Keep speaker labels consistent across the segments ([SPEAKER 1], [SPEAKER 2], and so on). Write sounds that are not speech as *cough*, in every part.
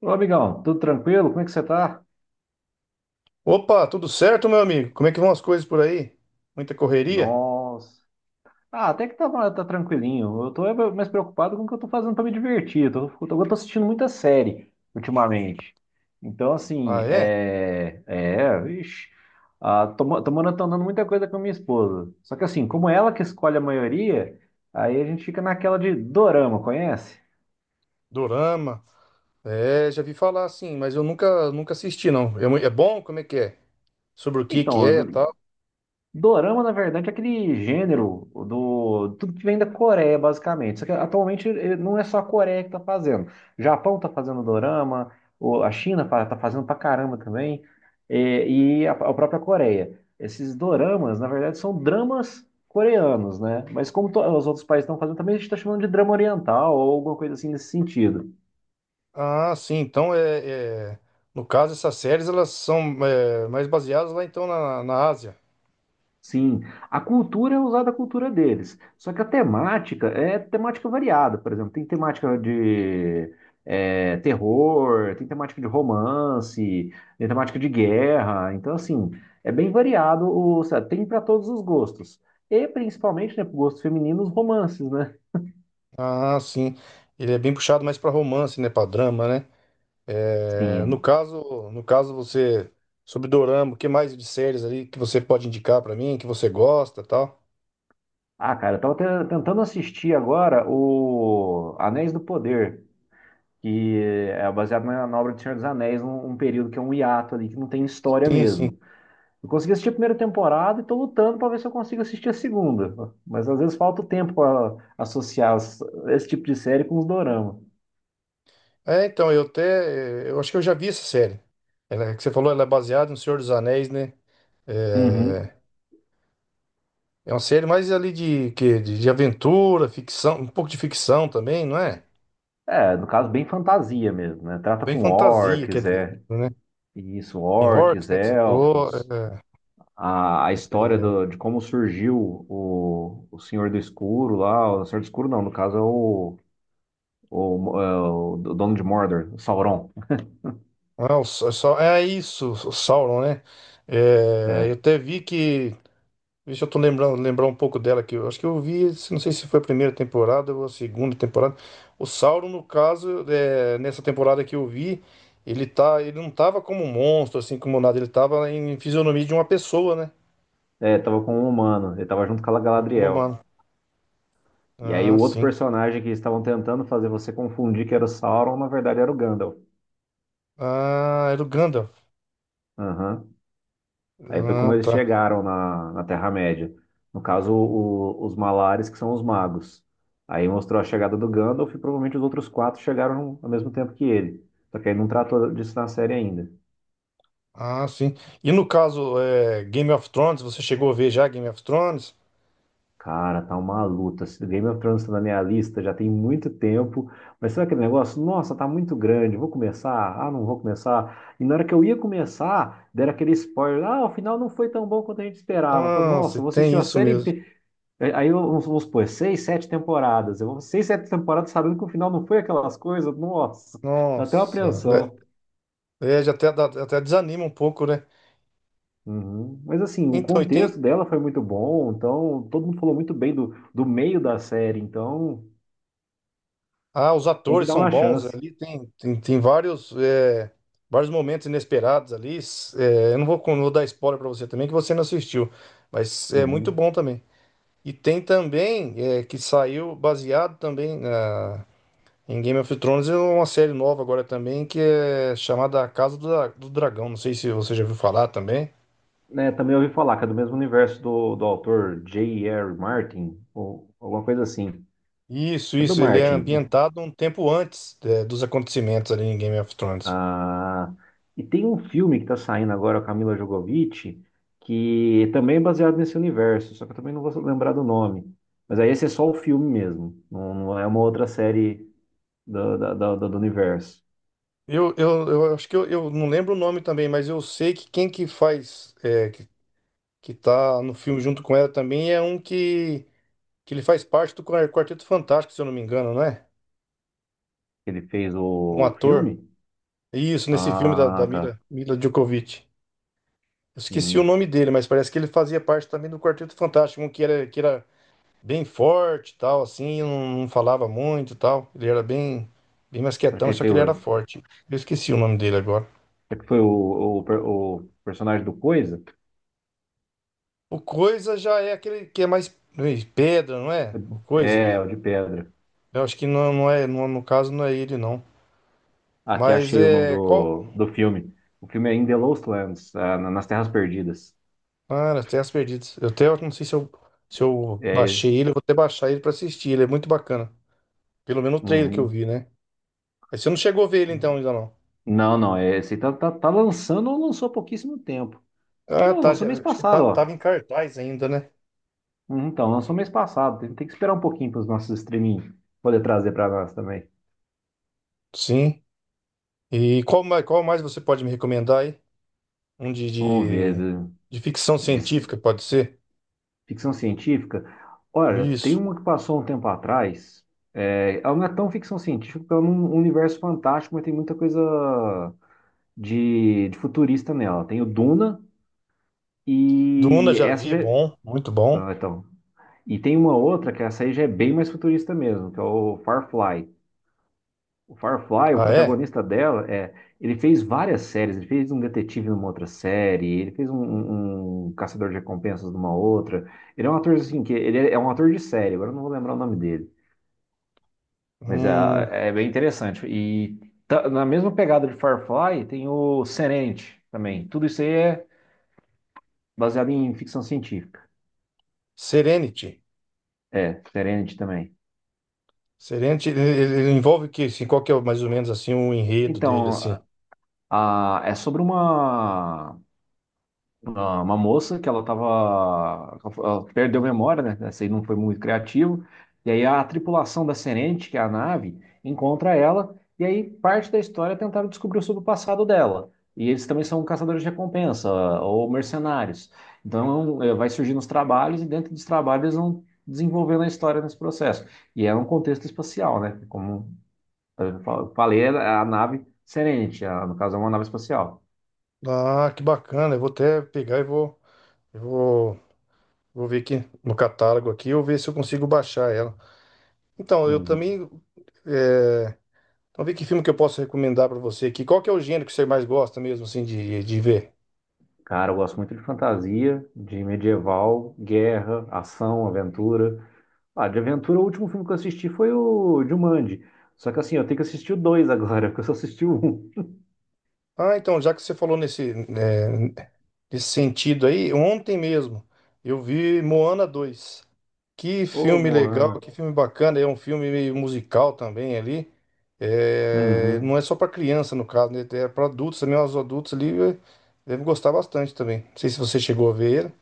[SPEAKER 1] Ô, amigão, tudo tranquilo? Como é que você tá?
[SPEAKER 2] Opa, tudo certo, meu amigo? Como é que vão as coisas por aí? Muita correria?
[SPEAKER 1] Nossa. Ah, até que tá, tá tranquilinho. Eu tô é mais preocupado com o que eu tô fazendo pra me divertir. Eu tô assistindo muita série ultimamente. Então, assim,
[SPEAKER 2] Ah, é?
[SPEAKER 1] é. É, vixe. Ah, tô, tô maratonando muita coisa com a minha esposa. Só que, assim, como ela que escolhe a maioria, aí a gente fica naquela de dorama, conhece?
[SPEAKER 2] Dorama. É, já vi falar assim, mas eu nunca assisti, não. É, é bom? Como é que é? Sobre o que que
[SPEAKER 1] Então,
[SPEAKER 2] é e tal?
[SPEAKER 1] Dorama, na verdade, é aquele gênero do tudo que vem da Coreia, basicamente. Só que atualmente não é só a Coreia que está fazendo. O Japão está fazendo dorama, a China está fazendo pra caramba também, e a própria Coreia. Esses doramas, na verdade, são dramas coreanos, né? Mas como os outros países estão fazendo, também a gente está chamando de drama oriental ou alguma coisa assim nesse sentido.
[SPEAKER 2] Ah, sim. Então, no caso, essas séries, elas são mais baseadas lá, então, na Ásia.
[SPEAKER 1] Sim, a cultura é usada a cultura deles, só que a temática é temática variada, por exemplo, tem temática de é, terror, tem temática de romance, tem temática de guerra, então assim, é bem variado, o, sabe, tem para todos os gostos, e principalmente, né, para gostos femininos, romances, né?
[SPEAKER 2] Ah, sim. Ele é bem puxado mais para romance, né? Para drama, né?
[SPEAKER 1] Sim,
[SPEAKER 2] É,
[SPEAKER 1] é.
[SPEAKER 2] no caso, você... Sobre Dorama, o que mais de séries ali que você pode indicar para mim, que você gosta e tal?
[SPEAKER 1] Ah, cara, eu tava tentando assistir agora o Anéis do Poder, que é baseado na obra do Senhor dos Anéis, um período que é um hiato ali, que não tem história
[SPEAKER 2] Sim, sim.
[SPEAKER 1] mesmo. Eu consegui assistir a primeira temporada e estou lutando para ver se eu consigo assistir a segunda. Mas às vezes falta o tempo para associar esse tipo de série com os dorama.
[SPEAKER 2] É, então, eu até. Eu acho que eu já vi essa série. Ela, é que você falou, ela é baseada no Senhor dos Anéis, né?
[SPEAKER 1] Uhum.
[SPEAKER 2] É, é uma série mais ali de aventura, ficção, um pouco de ficção também, não é?
[SPEAKER 1] É, no caso, bem fantasia mesmo, né? Trata
[SPEAKER 2] Bem
[SPEAKER 1] com
[SPEAKER 2] fantasia, quer
[SPEAKER 1] orcs,
[SPEAKER 2] dizer,
[SPEAKER 1] é.
[SPEAKER 2] né?
[SPEAKER 1] Isso,
[SPEAKER 2] Tem orcs,
[SPEAKER 1] orcs,
[SPEAKER 2] né, que você falou.
[SPEAKER 1] elfos. A história
[SPEAKER 2] É,
[SPEAKER 1] de como surgiu o Senhor do Escuro lá. O Senhor do Escuro não, no caso é é o dono de Mordor, o Sauron.
[SPEAKER 2] ah, é isso, o Sauron, né? É, eu
[SPEAKER 1] É,
[SPEAKER 2] até vi que. Deixa eu tô lembrar um pouco dela aqui. Eu acho que eu vi, não sei se foi a primeira temporada ou a segunda temporada. O Sauron, no caso, nessa temporada que eu vi, ele não tava como um monstro, assim, como nada. Ele tava em fisionomia de uma pessoa, né?
[SPEAKER 1] é, tava com um humano, ele tava junto com a
[SPEAKER 2] Tava como
[SPEAKER 1] Galadriel.
[SPEAKER 2] humano.
[SPEAKER 1] E aí
[SPEAKER 2] Ah,
[SPEAKER 1] o outro
[SPEAKER 2] sim.
[SPEAKER 1] personagem que estavam tentando fazer você confundir que era o Sauron, na verdade era o Gandalf.
[SPEAKER 2] Ah, era o Gandalf.
[SPEAKER 1] Aham. Aí foi como
[SPEAKER 2] Ah,
[SPEAKER 1] eles
[SPEAKER 2] tá.
[SPEAKER 1] chegaram na, na Terra-média. No caso, os Malares, que são os magos. Aí mostrou a chegada do Gandalf e provavelmente os outros quatro chegaram ao mesmo tempo que ele. Só que aí não tratou disso na série ainda.
[SPEAKER 2] Ah, sim. E no caso, Game of Thrones, você chegou a ver já Game of Thrones?
[SPEAKER 1] Cara, tá uma luta. Se Game of Thrones tá na minha lista já tem muito tempo, mas sabe aquele negócio? Nossa, tá muito grande, vou começar? Ah, não vou começar. E na hora que eu ia começar, deram aquele spoiler. Ah, o final não foi tão bom quanto a gente esperava. Eu falei,
[SPEAKER 2] Nossa,
[SPEAKER 1] nossa, eu vou assistir
[SPEAKER 2] tem
[SPEAKER 1] a
[SPEAKER 2] isso
[SPEAKER 1] série
[SPEAKER 2] mesmo.
[SPEAKER 1] inteira. Aí, vamos, vamos supor, seis, sete temporadas. Eu vou seis, sete temporadas sabendo que o final não foi aquelas coisas. Nossa, dá até uma
[SPEAKER 2] Nossa, né?
[SPEAKER 1] apreensão.
[SPEAKER 2] É, já até, até desanima um pouco, né?
[SPEAKER 1] Uhum. Mas assim, o
[SPEAKER 2] Então, e tem,
[SPEAKER 1] contexto dela foi muito bom, então todo mundo falou muito bem do, do meio da série, então
[SPEAKER 2] ah, os
[SPEAKER 1] tem que
[SPEAKER 2] atores
[SPEAKER 1] dar
[SPEAKER 2] são
[SPEAKER 1] uma
[SPEAKER 2] bons
[SPEAKER 1] chance.
[SPEAKER 2] ali, tem vários, vários momentos inesperados ali. Eu não vou, não vou dar spoiler pra você também, que você não assistiu, mas é muito
[SPEAKER 1] Uhum.
[SPEAKER 2] bom também. E tem também, que saiu baseado também em Game of Thrones, é uma série nova agora também, que é chamada A Casa do Dragão. Não sei se você já ouviu falar também.
[SPEAKER 1] Né, também ouvi falar que é do mesmo universo do, do autor J. R. Martin, ou alguma coisa assim.
[SPEAKER 2] Isso,
[SPEAKER 1] É do
[SPEAKER 2] isso, ele é
[SPEAKER 1] Martin.
[SPEAKER 2] ambientado um tempo antes, dos acontecimentos ali em Game of Thrones.
[SPEAKER 1] Ah, e tem um filme que tá saindo agora, com a Camila Jovovich, que também é baseado nesse universo, só que eu também não vou lembrar do nome. Mas aí esse é só o filme mesmo, não, não é uma outra série do, da- da- da- do universo.
[SPEAKER 2] Eu acho que eu não lembro o nome também, mas eu sei que quem que faz, que tá no filme junto com ela também é um que ele faz parte do Quarteto Fantástico, se eu não me engano, não é?
[SPEAKER 1] Ele fez
[SPEAKER 2] Um
[SPEAKER 1] o
[SPEAKER 2] ator.
[SPEAKER 1] filme?
[SPEAKER 2] Isso, nesse filme da
[SPEAKER 1] Ah, tá.
[SPEAKER 2] Mila Djokovic. Eu esqueci o
[SPEAKER 1] Hum.
[SPEAKER 2] nome dele, mas parece que ele fazia parte também do Quarteto Fantástico, um que era bem forte e tal, assim, não falava muito e tal. Ele era bem mais
[SPEAKER 1] Será que
[SPEAKER 2] quietão,
[SPEAKER 1] ele
[SPEAKER 2] só que
[SPEAKER 1] fez
[SPEAKER 2] ele era
[SPEAKER 1] o,
[SPEAKER 2] forte. Eu esqueci o nome dele agora.
[SPEAKER 1] será que foi o personagem do Coisa?
[SPEAKER 2] O coisa já é aquele que é mais ei, pedra, não é? O coisa.
[SPEAKER 1] É, o de pedra.
[SPEAKER 2] Eu acho que não, não é, no caso não é ele, não.
[SPEAKER 1] Aqui
[SPEAKER 2] Mas
[SPEAKER 1] achei o nome
[SPEAKER 2] é. Qual.
[SPEAKER 1] do, do filme. O filme é In the Lost Lands, ah, nas Terras Perdidas.
[SPEAKER 2] Ah, Terras Perdidas. Eu até eu não sei se eu
[SPEAKER 1] É,
[SPEAKER 2] baixei ele, eu vou até baixar ele pra assistir. Ele é muito bacana. Pelo menos o trailer que eu
[SPEAKER 1] uhum.
[SPEAKER 2] vi, né? Aí você não chegou a ver ele então ainda não.
[SPEAKER 1] Não, não, é, esse tá, tá, tá lançando ou lançou há pouquíssimo tempo. Ah,
[SPEAKER 2] Ah,
[SPEAKER 1] não,
[SPEAKER 2] tá.
[SPEAKER 1] lançou mês
[SPEAKER 2] Acho que
[SPEAKER 1] passado,
[SPEAKER 2] tava
[SPEAKER 1] ó.
[SPEAKER 2] em cartaz ainda, né?
[SPEAKER 1] Uhum, então, lançou mês passado. Tem, tem que esperar um pouquinho para os nossos streaming poder trazer para nós também.
[SPEAKER 2] Sim. E qual mais você pode me recomendar aí? Um de,
[SPEAKER 1] Vamos ver.
[SPEAKER 2] de, de ficção
[SPEAKER 1] De
[SPEAKER 2] científica, pode ser?
[SPEAKER 1] ficção científica. Olha, tem
[SPEAKER 2] Isso.
[SPEAKER 1] uma que passou um tempo atrás. É, ela não é tão ficção científica, porque ela é um universo fantástico, mas tem muita coisa de futurista nela. Tem o Duna
[SPEAKER 2] Duna
[SPEAKER 1] e
[SPEAKER 2] já
[SPEAKER 1] essa
[SPEAKER 2] vi, é
[SPEAKER 1] já... é,
[SPEAKER 2] bom, muito bom.
[SPEAKER 1] ah, então. E tem uma outra que essa aí já é bem mais futurista mesmo, que é o Firefly. O Firefly, o
[SPEAKER 2] Ah, é?
[SPEAKER 1] protagonista dela, é, ele fez várias séries. Ele fez um detetive numa outra série, ele fez um caçador de recompensas numa outra. Ele é um ator assim que ele é um ator de série. Agora eu não vou lembrar o nome dele, mas é,
[SPEAKER 2] Hum,
[SPEAKER 1] é bem interessante. E na mesma pegada de Firefly tem o Serenity também. Tudo isso aí é baseado em ficção científica.
[SPEAKER 2] Serenity.
[SPEAKER 1] É, Serenity também.
[SPEAKER 2] Serenity, ele envolve o quê? Assim, qual que é mais ou menos assim o enredo dele,
[SPEAKER 1] Então,
[SPEAKER 2] assim?
[SPEAKER 1] é sobre uma moça que ela tava. Ela perdeu a memória, né? Essa aí não foi muito criativo. E aí a tripulação da Serenity, que é a nave, encontra ela. E aí parte da história é tentar descobrir sobre o passado dela. E eles também são caçadores de recompensa ou mercenários. Então, é, um, é, vai surgindo os trabalhos e dentro dos trabalhos eles vão desenvolvendo a história nesse processo. E é um contexto espacial, né? Como eu falei a nave Serenity, no caso é uma nave espacial.
[SPEAKER 2] Ah, que bacana. Eu vou até pegar e eu vou, vou ver aqui no catálogo aqui, eu ver se eu consigo baixar ela. Então, eu
[SPEAKER 1] Uhum.
[SPEAKER 2] também, é, vamos ver que filme que eu posso recomendar pra você aqui. Qual que é o gênero que você mais gosta mesmo, assim, de ver?
[SPEAKER 1] Cara, eu gosto muito de fantasia, de medieval, guerra, ação, aventura. Ah, de aventura, o último filme que eu assisti foi o Jumanji. Só que assim, eu tenho que assistir o dois agora, *laughs* porque eu só assisti o um.
[SPEAKER 2] Ah, então, já que você falou nesse sentido aí, ontem mesmo eu vi Moana 2. Que
[SPEAKER 1] Ô,
[SPEAKER 2] filme legal,
[SPEAKER 1] Moana.
[SPEAKER 2] que filme bacana. É um filme meio musical também ali. É, não
[SPEAKER 1] Uhum.
[SPEAKER 2] é só para criança, no caso, né? É para adultos também. Os adultos ali devem gostar bastante também. Não sei se você chegou a ver ele.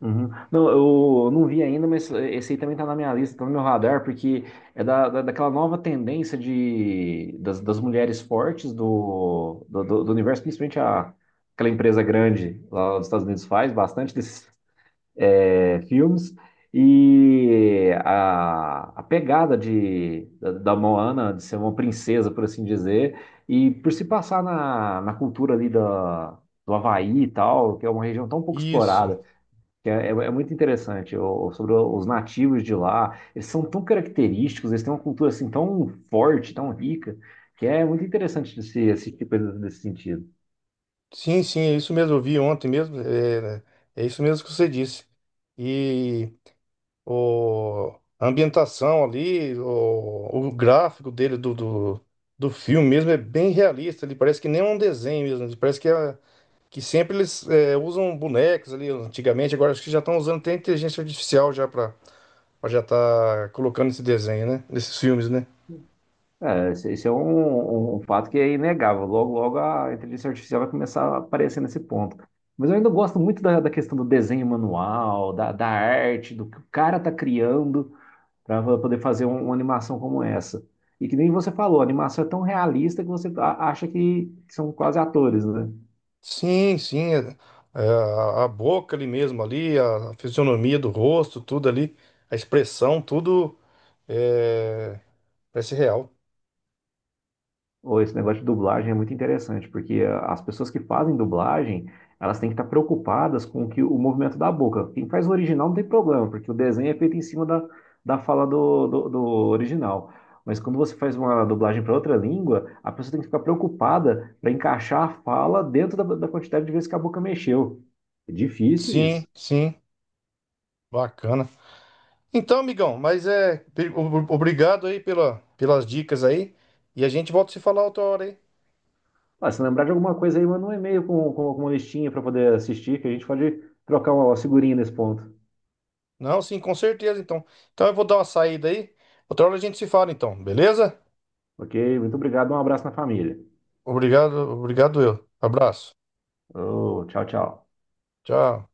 [SPEAKER 1] Uhum. Não, eu não vi ainda, mas esse aí também tá na minha lista, tá no meu radar, porque é da, daquela nova tendência de, das, das mulheres fortes do universo, principalmente aquela empresa grande lá dos Estados Unidos faz bastante desses é, filmes, e a pegada de, da, da Moana, de ser uma princesa, por assim dizer, e por se passar na, na cultura ali da, do Havaí e tal, que é uma região tão pouco
[SPEAKER 2] Isso.
[SPEAKER 1] explorada que é, é muito interessante, sobre os nativos de lá. Eles são tão característicos, eles têm uma cultura assim tão forte, tão rica, que é muito interessante esse, esse tipo de coisa nesse sentido.
[SPEAKER 2] Sim, sim, é isso mesmo. Eu vi ontem mesmo. É, é isso mesmo que você disse. E a ambientação ali, o gráfico dele do filme mesmo é bem realista. Ele parece que nem é um desenho mesmo. Parece que é, que sempre eles usam bonecos ali antigamente, agora acho que já estão usando até inteligência artificial já para já tá colocando esse desenho, né? Nesses filmes, né?
[SPEAKER 1] É, esse é um, um fato que é inegável. Logo, logo a inteligência artificial vai começar a aparecer nesse ponto. Mas eu ainda gosto muito da, da questão do desenho manual, da, da arte, do que o cara tá criando para poder fazer uma animação como essa. E que nem você falou, a animação é tão realista que você acha que são quase atores, né?
[SPEAKER 2] Sim, sim, a boca ali mesmo ali, a fisionomia do rosto, tudo ali, a expressão, tudo é, parece real.
[SPEAKER 1] Ou esse negócio de dublagem é muito interessante, porque ah, as pessoas que fazem dublagem, elas têm que estar preocupadas com o que, o movimento da boca. Quem faz o original não tem problema, porque o desenho é feito em cima da, da fala do, do, do original. Mas quando você faz uma dublagem para outra língua, a pessoa tem que ficar preocupada para encaixar a fala dentro da, da quantidade de vezes que a boca mexeu. É difícil
[SPEAKER 2] Sim,
[SPEAKER 1] isso.
[SPEAKER 2] sim, bacana. Então, amigão, mas obrigado aí pelas dicas aí, e a gente volta a se falar outra hora aí.
[SPEAKER 1] Ah, se lembrar de alguma coisa aí, manda um e-mail com alguma listinha para poder assistir, que a gente pode trocar uma figurinha nesse ponto.
[SPEAKER 2] Não, sim, com certeza, então. Então eu vou dar uma saída aí. Outra hora a gente se fala, então, beleza?
[SPEAKER 1] Ok? Muito obrigado, um abraço na família.
[SPEAKER 2] Obrigado, obrigado eu. Abraço.
[SPEAKER 1] Oh, tchau, tchau.
[SPEAKER 2] Tchau.